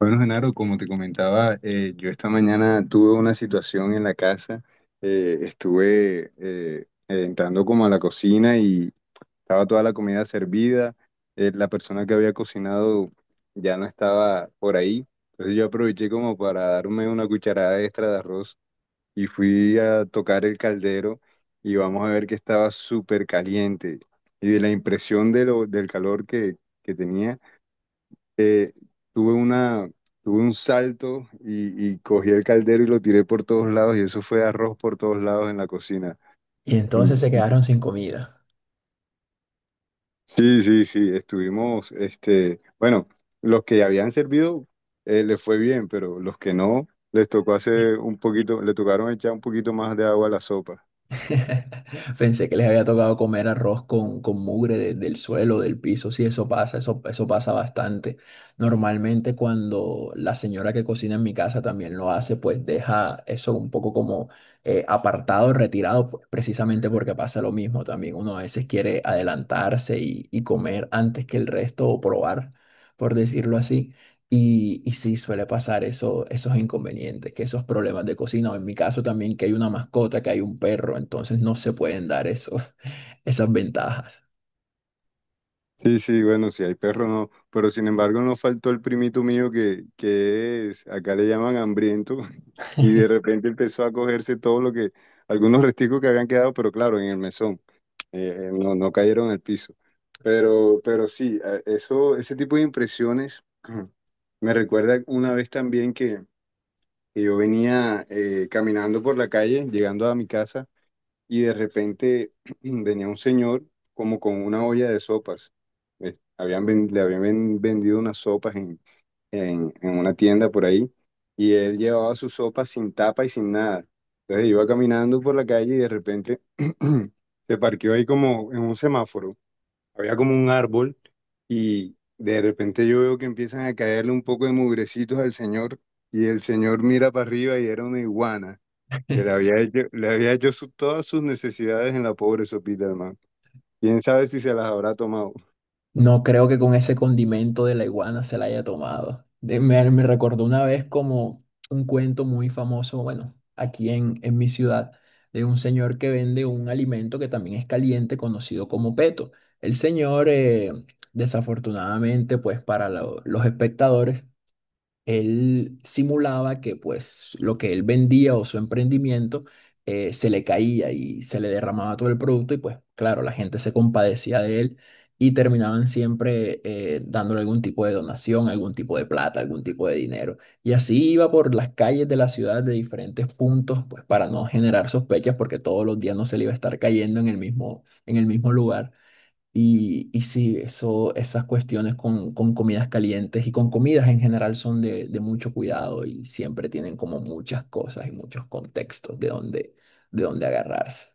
Bueno, Genaro, como te comentaba, yo esta mañana tuve una situación en la casa. Estuve entrando como a la cocina y estaba toda la comida servida. La persona que había cocinado ya no estaba por ahí. Entonces yo aproveché como para darme una cucharada extra de arroz y fui a tocar el caldero y vamos a ver que estaba súper caliente. Y de la impresión del calor que tenía eh, tuve una, tuve un salto y cogí el caldero y lo tiré por todos lados y eso fue arroz por todos lados en la cocina. Y Mm. entonces se quedaron sin comida. Sí, sí, sí, estuvimos, este, bueno, los que habían servido les fue bien, pero los que no, les tocó hacer un poquito, le tocaron echar un poquito más de agua a la sopa. Pensé que les había tocado comer arroz con mugre del suelo, del piso. Sí, eso pasa, eso pasa bastante. Normalmente cuando la señora que cocina en mi casa también lo hace, pues deja eso un poco como apartado, retirado, pues, precisamente porque pasa lo mismo también. Uno a veces quiere adelantarse y comer antes que el resto o probar, por decirlo así. Y sí, suele pasar eso, esos inconvenientes, que esos problemas de cocina, o en mi caso también que hay una mascota, que hay un perro, entonces no se pueden dar eso, esas ventajas. Sí, sí, bueno, si hay perro no, pero sin embargo no faltó el primito mío que es, acá le llaman hambriento, y de repente empezó a cogerse todo lo que, algunos resticos que habían quedado, pero claro, en el mesón, no cayeron al piso. Pero sí, ese tipo de impresiones me recuerda una vez también que yo venía caminando por la calle, llegando a mi casa y de repente venía un señor como con una olla de sopas. Le habían vendido unas sopas en, en una tienda por ahí y él llevaba sus sopas sin tapa y sin nada. Entonces iba caminando por la calle y de repente se parqueó ahí como en un semáforo. Había como un árbol y de repente yo veo que empiezan a caerle un poco de mugrecitos al señor y el señor mira para arriba y era una iguana que le había hecho todas sus necesidades en la pobre sopita, hermano. ¿Quién sabe si se las habrá tomado? No creo que con ese condimento de la iguana se la haya tomado. Me recordó una vez como un cuento muy famoso, bueno, en mi ciudad, de un señor que vende un alimento que también es caliente, conocido como peto. El señor, desafortunadamente, pues para los espectadores, él simulaba que pues lo que él vendía o su emprendimiento se le caía y se le derramaba todo el producto y pues claro, la gente se compadecía de él y terminaban siempre dándole algún tipo de donación, algún tipo de plata, algún tipo de dinero. Y así iba por las calles de la ciudad de diferentes puntos pues para no generar sospechas porque todos los días no se le iba a estar cayendo en el mismo lugar. Y sí, eso, esas cuestiones con comidas calientes y con comidas en general son de mucho cuidado y siempre tienen como muchas cosas y muchos contextos de donde agarrarse.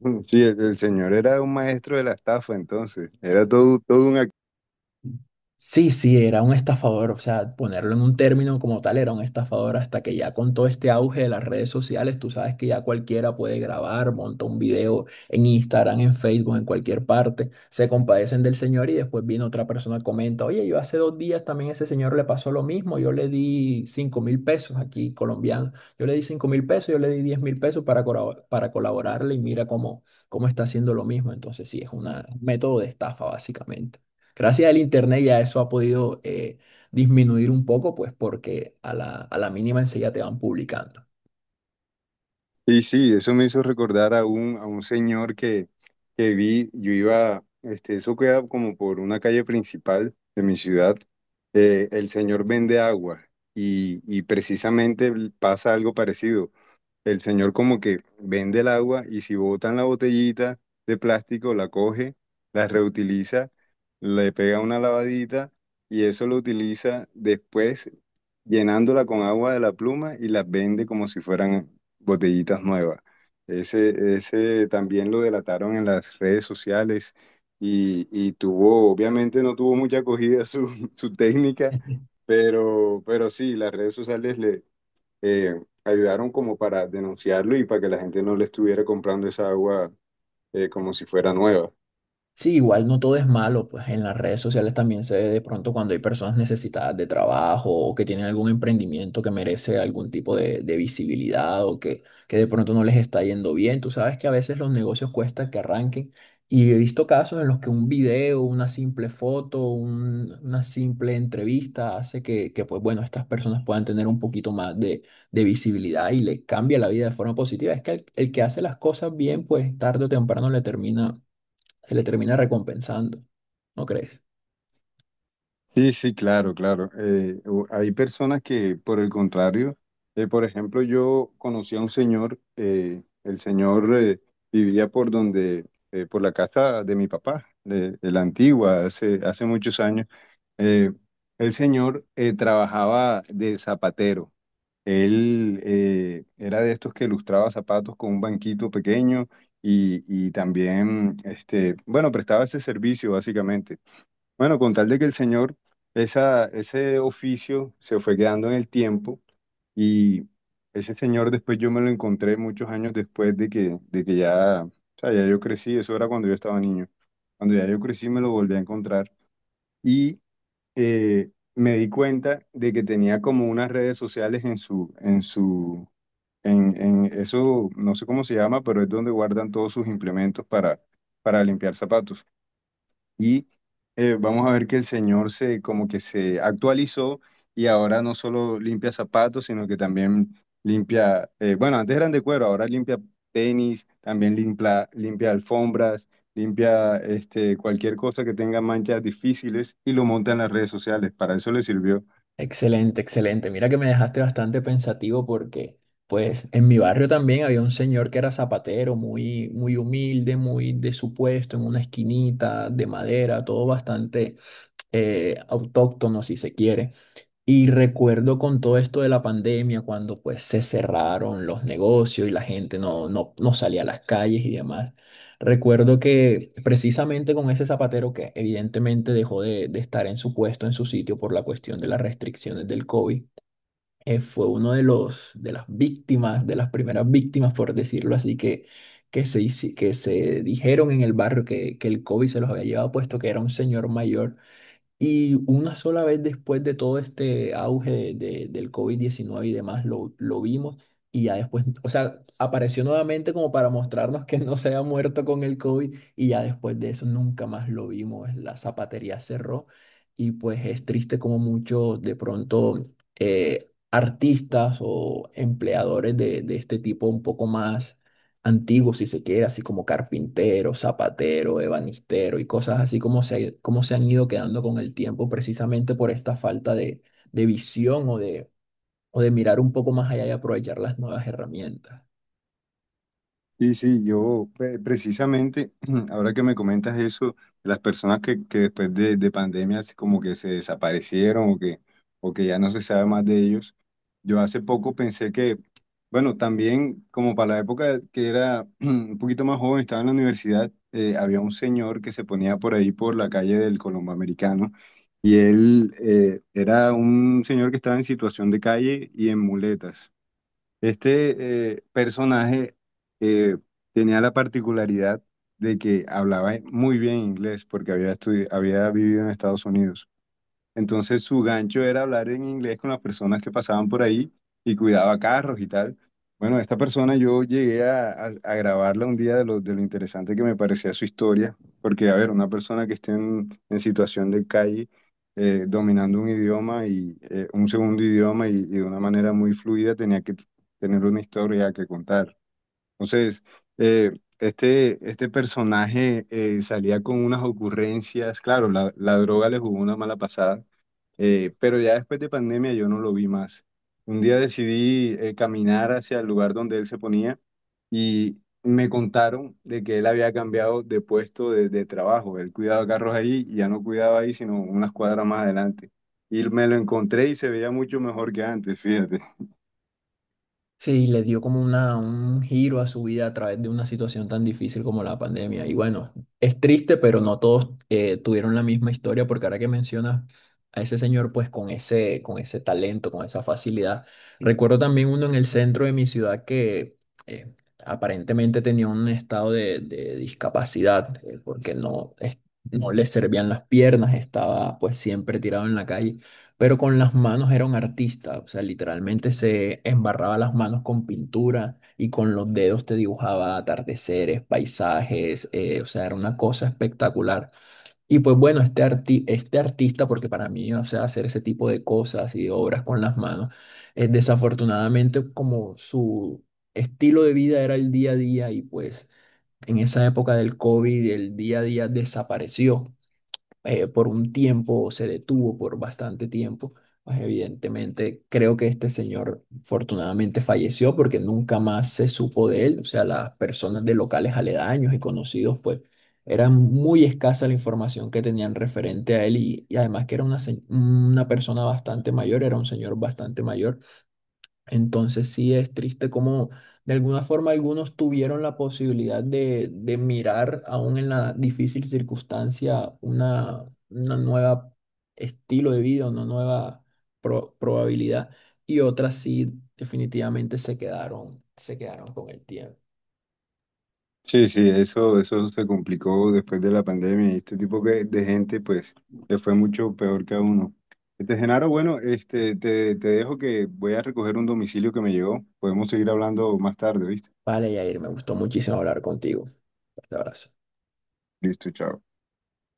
Sí, el señor era un maestro de la estafa, entonces. Era todo, todo un... Sí, sí, era un estafador, o sea, ponerlo en un término como tal, era un estafador hasta que ya con todo este auge de las redes sociales, tú sabes que ya cualquiera puede grabar, monta un video en Instagram, en Facebook, en cualquier parte, se compadecen del señor y después viene otra persona, y comenta, oye, yo hace 2 días también a ese señor le pasó lo mismo, yo le di 5.000 pesos aquí colombiano, yo le di 5.000 pesos, yo le di 10.000 pesos para, para colaborarle y mira cómo está haciendo lo mismo, entonces sí, es un método de estafa básicamente. Gracias al internet ya eso ha podido disminuir un poco, pues porque a a la mínima enseguida te van publicando. Y sí, eso me hizo recordar a un señor que vi, yo iba, este, eso queda como por una calle principal de mi ciudad. El señor vende agua y precisamente pasa algo parecido. El señor como que vende el agua y si botan la botellita de plástico, la coge, la reutiliza, le pega una lavadita y eso lo utiliza después llenándola con agua de la pluma y las vende como si fueran botellitas nuevas. Ese también lo delataron en las redes sociales y tuvo, obviamente no tuvo mucha acogida su, su técnica, pero sí, las redes sociales eh, ayudaron como para denunciarlo y para que la gente no le estuviera comprando esa agua como si fuera nueva. Sí, igual no todo es malo, pues en las redes sociales también se ve de pronto cuando hay personas necesitadas de trabajo o que tienen algún emprendimiento que merece algún tipo de visibilidad o que de pronto no les está yendo bien. Tú sabes que a veces los negocios cuesta que arranquen y he visto casos en los que un video, una simple foto, una simple entrevista hace pues bueno, estas personas puedan tener un poquito más de visibilidad y les cambia la vida de forma positiva. Es que el que hace las cosas bien, pues tarde o temprano le termina se le termina recompensando, ¿no crees? Sí, sí, claro, claro. Hay personas que, por el contrario, por ejemplo, yo conocí a un señor, el señor vivía por donde, por la casa de mi papá, de la antigua, hace, hace muchos años. Eh, el señor trabajaba de zapatero. Él era de estos que lustraba zapatos con un banquito pequeño y también, este, bueno, prestaba ese servicio básicamente. Bueno, con tal de que el señor, esa, ese oficio se fue quedando en el tiempo y ese señor después yo me lo encontré muchos años después de que ya, o sea, ya yo crecí, eso era cuando yo estaba niño. Cuando ya yo crecí me lo volví a encontrar y eh, me di cuenta de que tenía como unas redes sociales en su, en su, en eso, no sé cómo se llama, pero es donde guardan todos sus implementos para limpiar zapatos. Y vamos a ver que el Señor se como que se actualizó y ahora no solo limpia zapatos, sino que también limpia, bueno, antes eran de cuero, ahora limpia tenis, también limpia, limpia alfombras, limpia este, cualquier cosa que tenga manchas difíciles y lo monta en las redes sociales. Para eso le sirvió. Excelente, excelente. Mira que me dejaste bastante pensativo porque, pues, en mi barrio también había un señor que era zapatero, muy humilde, muy de su puesto, en una esquinita de madera, todo bastante autóctono, si se quiere. Y recuerdo con todo esto de la pandemia, cuando pues se cerraron los negocios y la gente no salía a las calles y demás. Recuerdo que precisamente con ese zapatero que evidentemente dejó de estar en su puesto, en su sitio por la cuestión de las restricciones del COVID, fue uno de las víctimas, de las primeras víctimas, por decirlo así, que se dijeron en el barrio que el COVID se los había llevado puesto, que era un señor mayor y una sola vez después de todo este auge del COVID-19 y demás, lo vimos y ya después, o sea, apareció nuevamente como para mostrarnos que no se había muerto con el COVID y ya después de eso nunca más lo vimos. La zapatería cerró y pues es triste como muchos de pronto artistas o empleadores de este tipo un poco más antiguo, si se quiere, así como carpintero, zapatero, ebanistero y cosas así como se han ido quedando con el tiempo precisamente por esta falta de visión o de mirar un poco más allá y aprovechar las nuevas herramientas. Sí, sí, yo precisamente, ahora que me comentas eso, las personas que después de pandemia así como que se desaparecieron o que ya no se sabe más de ellos, yo hace poco pensé que, bueno, también como para la época que era un poquito más joven, estaba en la universidad, había un señor que se ponía por ahí por la calle del Colombo Americano y él era un señor que estaba en situación de calle y en muletas. Este personaje eh, tenía la particularidad de que hablaba muy bien inglés porque había vivido en Estados Unidos. Entonces su gancho era hablar en inglés con las personas que pasaban por ahí y cuidaba carros y tal. Bueno, esta persona yo llegué a grabarla un día de lo interesante que me parecía su historia, porque a ver, una persona que esté en situación de calle dominando un idioma y un segundo idioma y de una manera muy fluida tenía que tener una historia que contar. Entonces, eh, este personaje salía con unas ocurrencias, claro, la droga le jugó una mala pasada pero ya después de pandemia yo no lo vi más. Un día decidí caminar hacia el lugar donde él se ponía y me contaron de que él había cambiado de puesto de trabajo. Él cuidaba carros ahí y ya no cuidaba ahí, sino unas cuadras más adelante. Y me lo encontré y se veía mucho mejor que antes, fíjate. Sí, le dio como un giro a su vida a través de una situación tan difícil como la pandemia. Y bueno, es triste, pero no todos tuvieron la misma historia, porque ahora que mencionas a ese señor, pues con ese talento, con esa facilidad. Recuerdo también uno en el centro de mi ciudad que eh, aparentemente tenía un estado de discapacidad, porque no, es- no le servían las piernas, estaba pues siempre tirado en la calle pero con las manos era un artista, o sea, literalmente se embarraba las manos con pintura y con los dedos te dibujaba atardeceres, paisajes, o sea, era una cosa espectacular. Y pues bueno, este este artista, porque para mí, o sea, hacer ese tipo de cosas y obras con las manos, desafortunadamente como su estilo de vida era el día a día y pues en esa época del COVID el día a día desapareció por un tiempo, se detuvo por bastante tiempo. Pues evidentemente creo que este señor afortunadamente falleció porque nunca más se supo de él. O sea, las personas de locales aledaños y conocidos, pues era muy escasa la información que tenían referente a él y además que era una persona bastante mayor, era un señor bastante mayor. Entonces sí es triste como de alguna forma algunos tuvieron la posibilidad de mirar aún en la difícil circunstancia una nueva estilo de vida, una nueva probabilidad y otras sí definitivamente se quedaron con el tiempo. Sí, sí, eso se complicó después de la pandemia y este tipo de gente, pues, le fue mucho peor que a uno. Este, Genaro, bueno, este, te dejo que voy a recoger un domicilio que me llegó. Podemos seguir hablando más tarde, ¿viste? Vale, Yair, me gustó muchísimo hablar contigo. Fuerte abrazo. Listo, chao.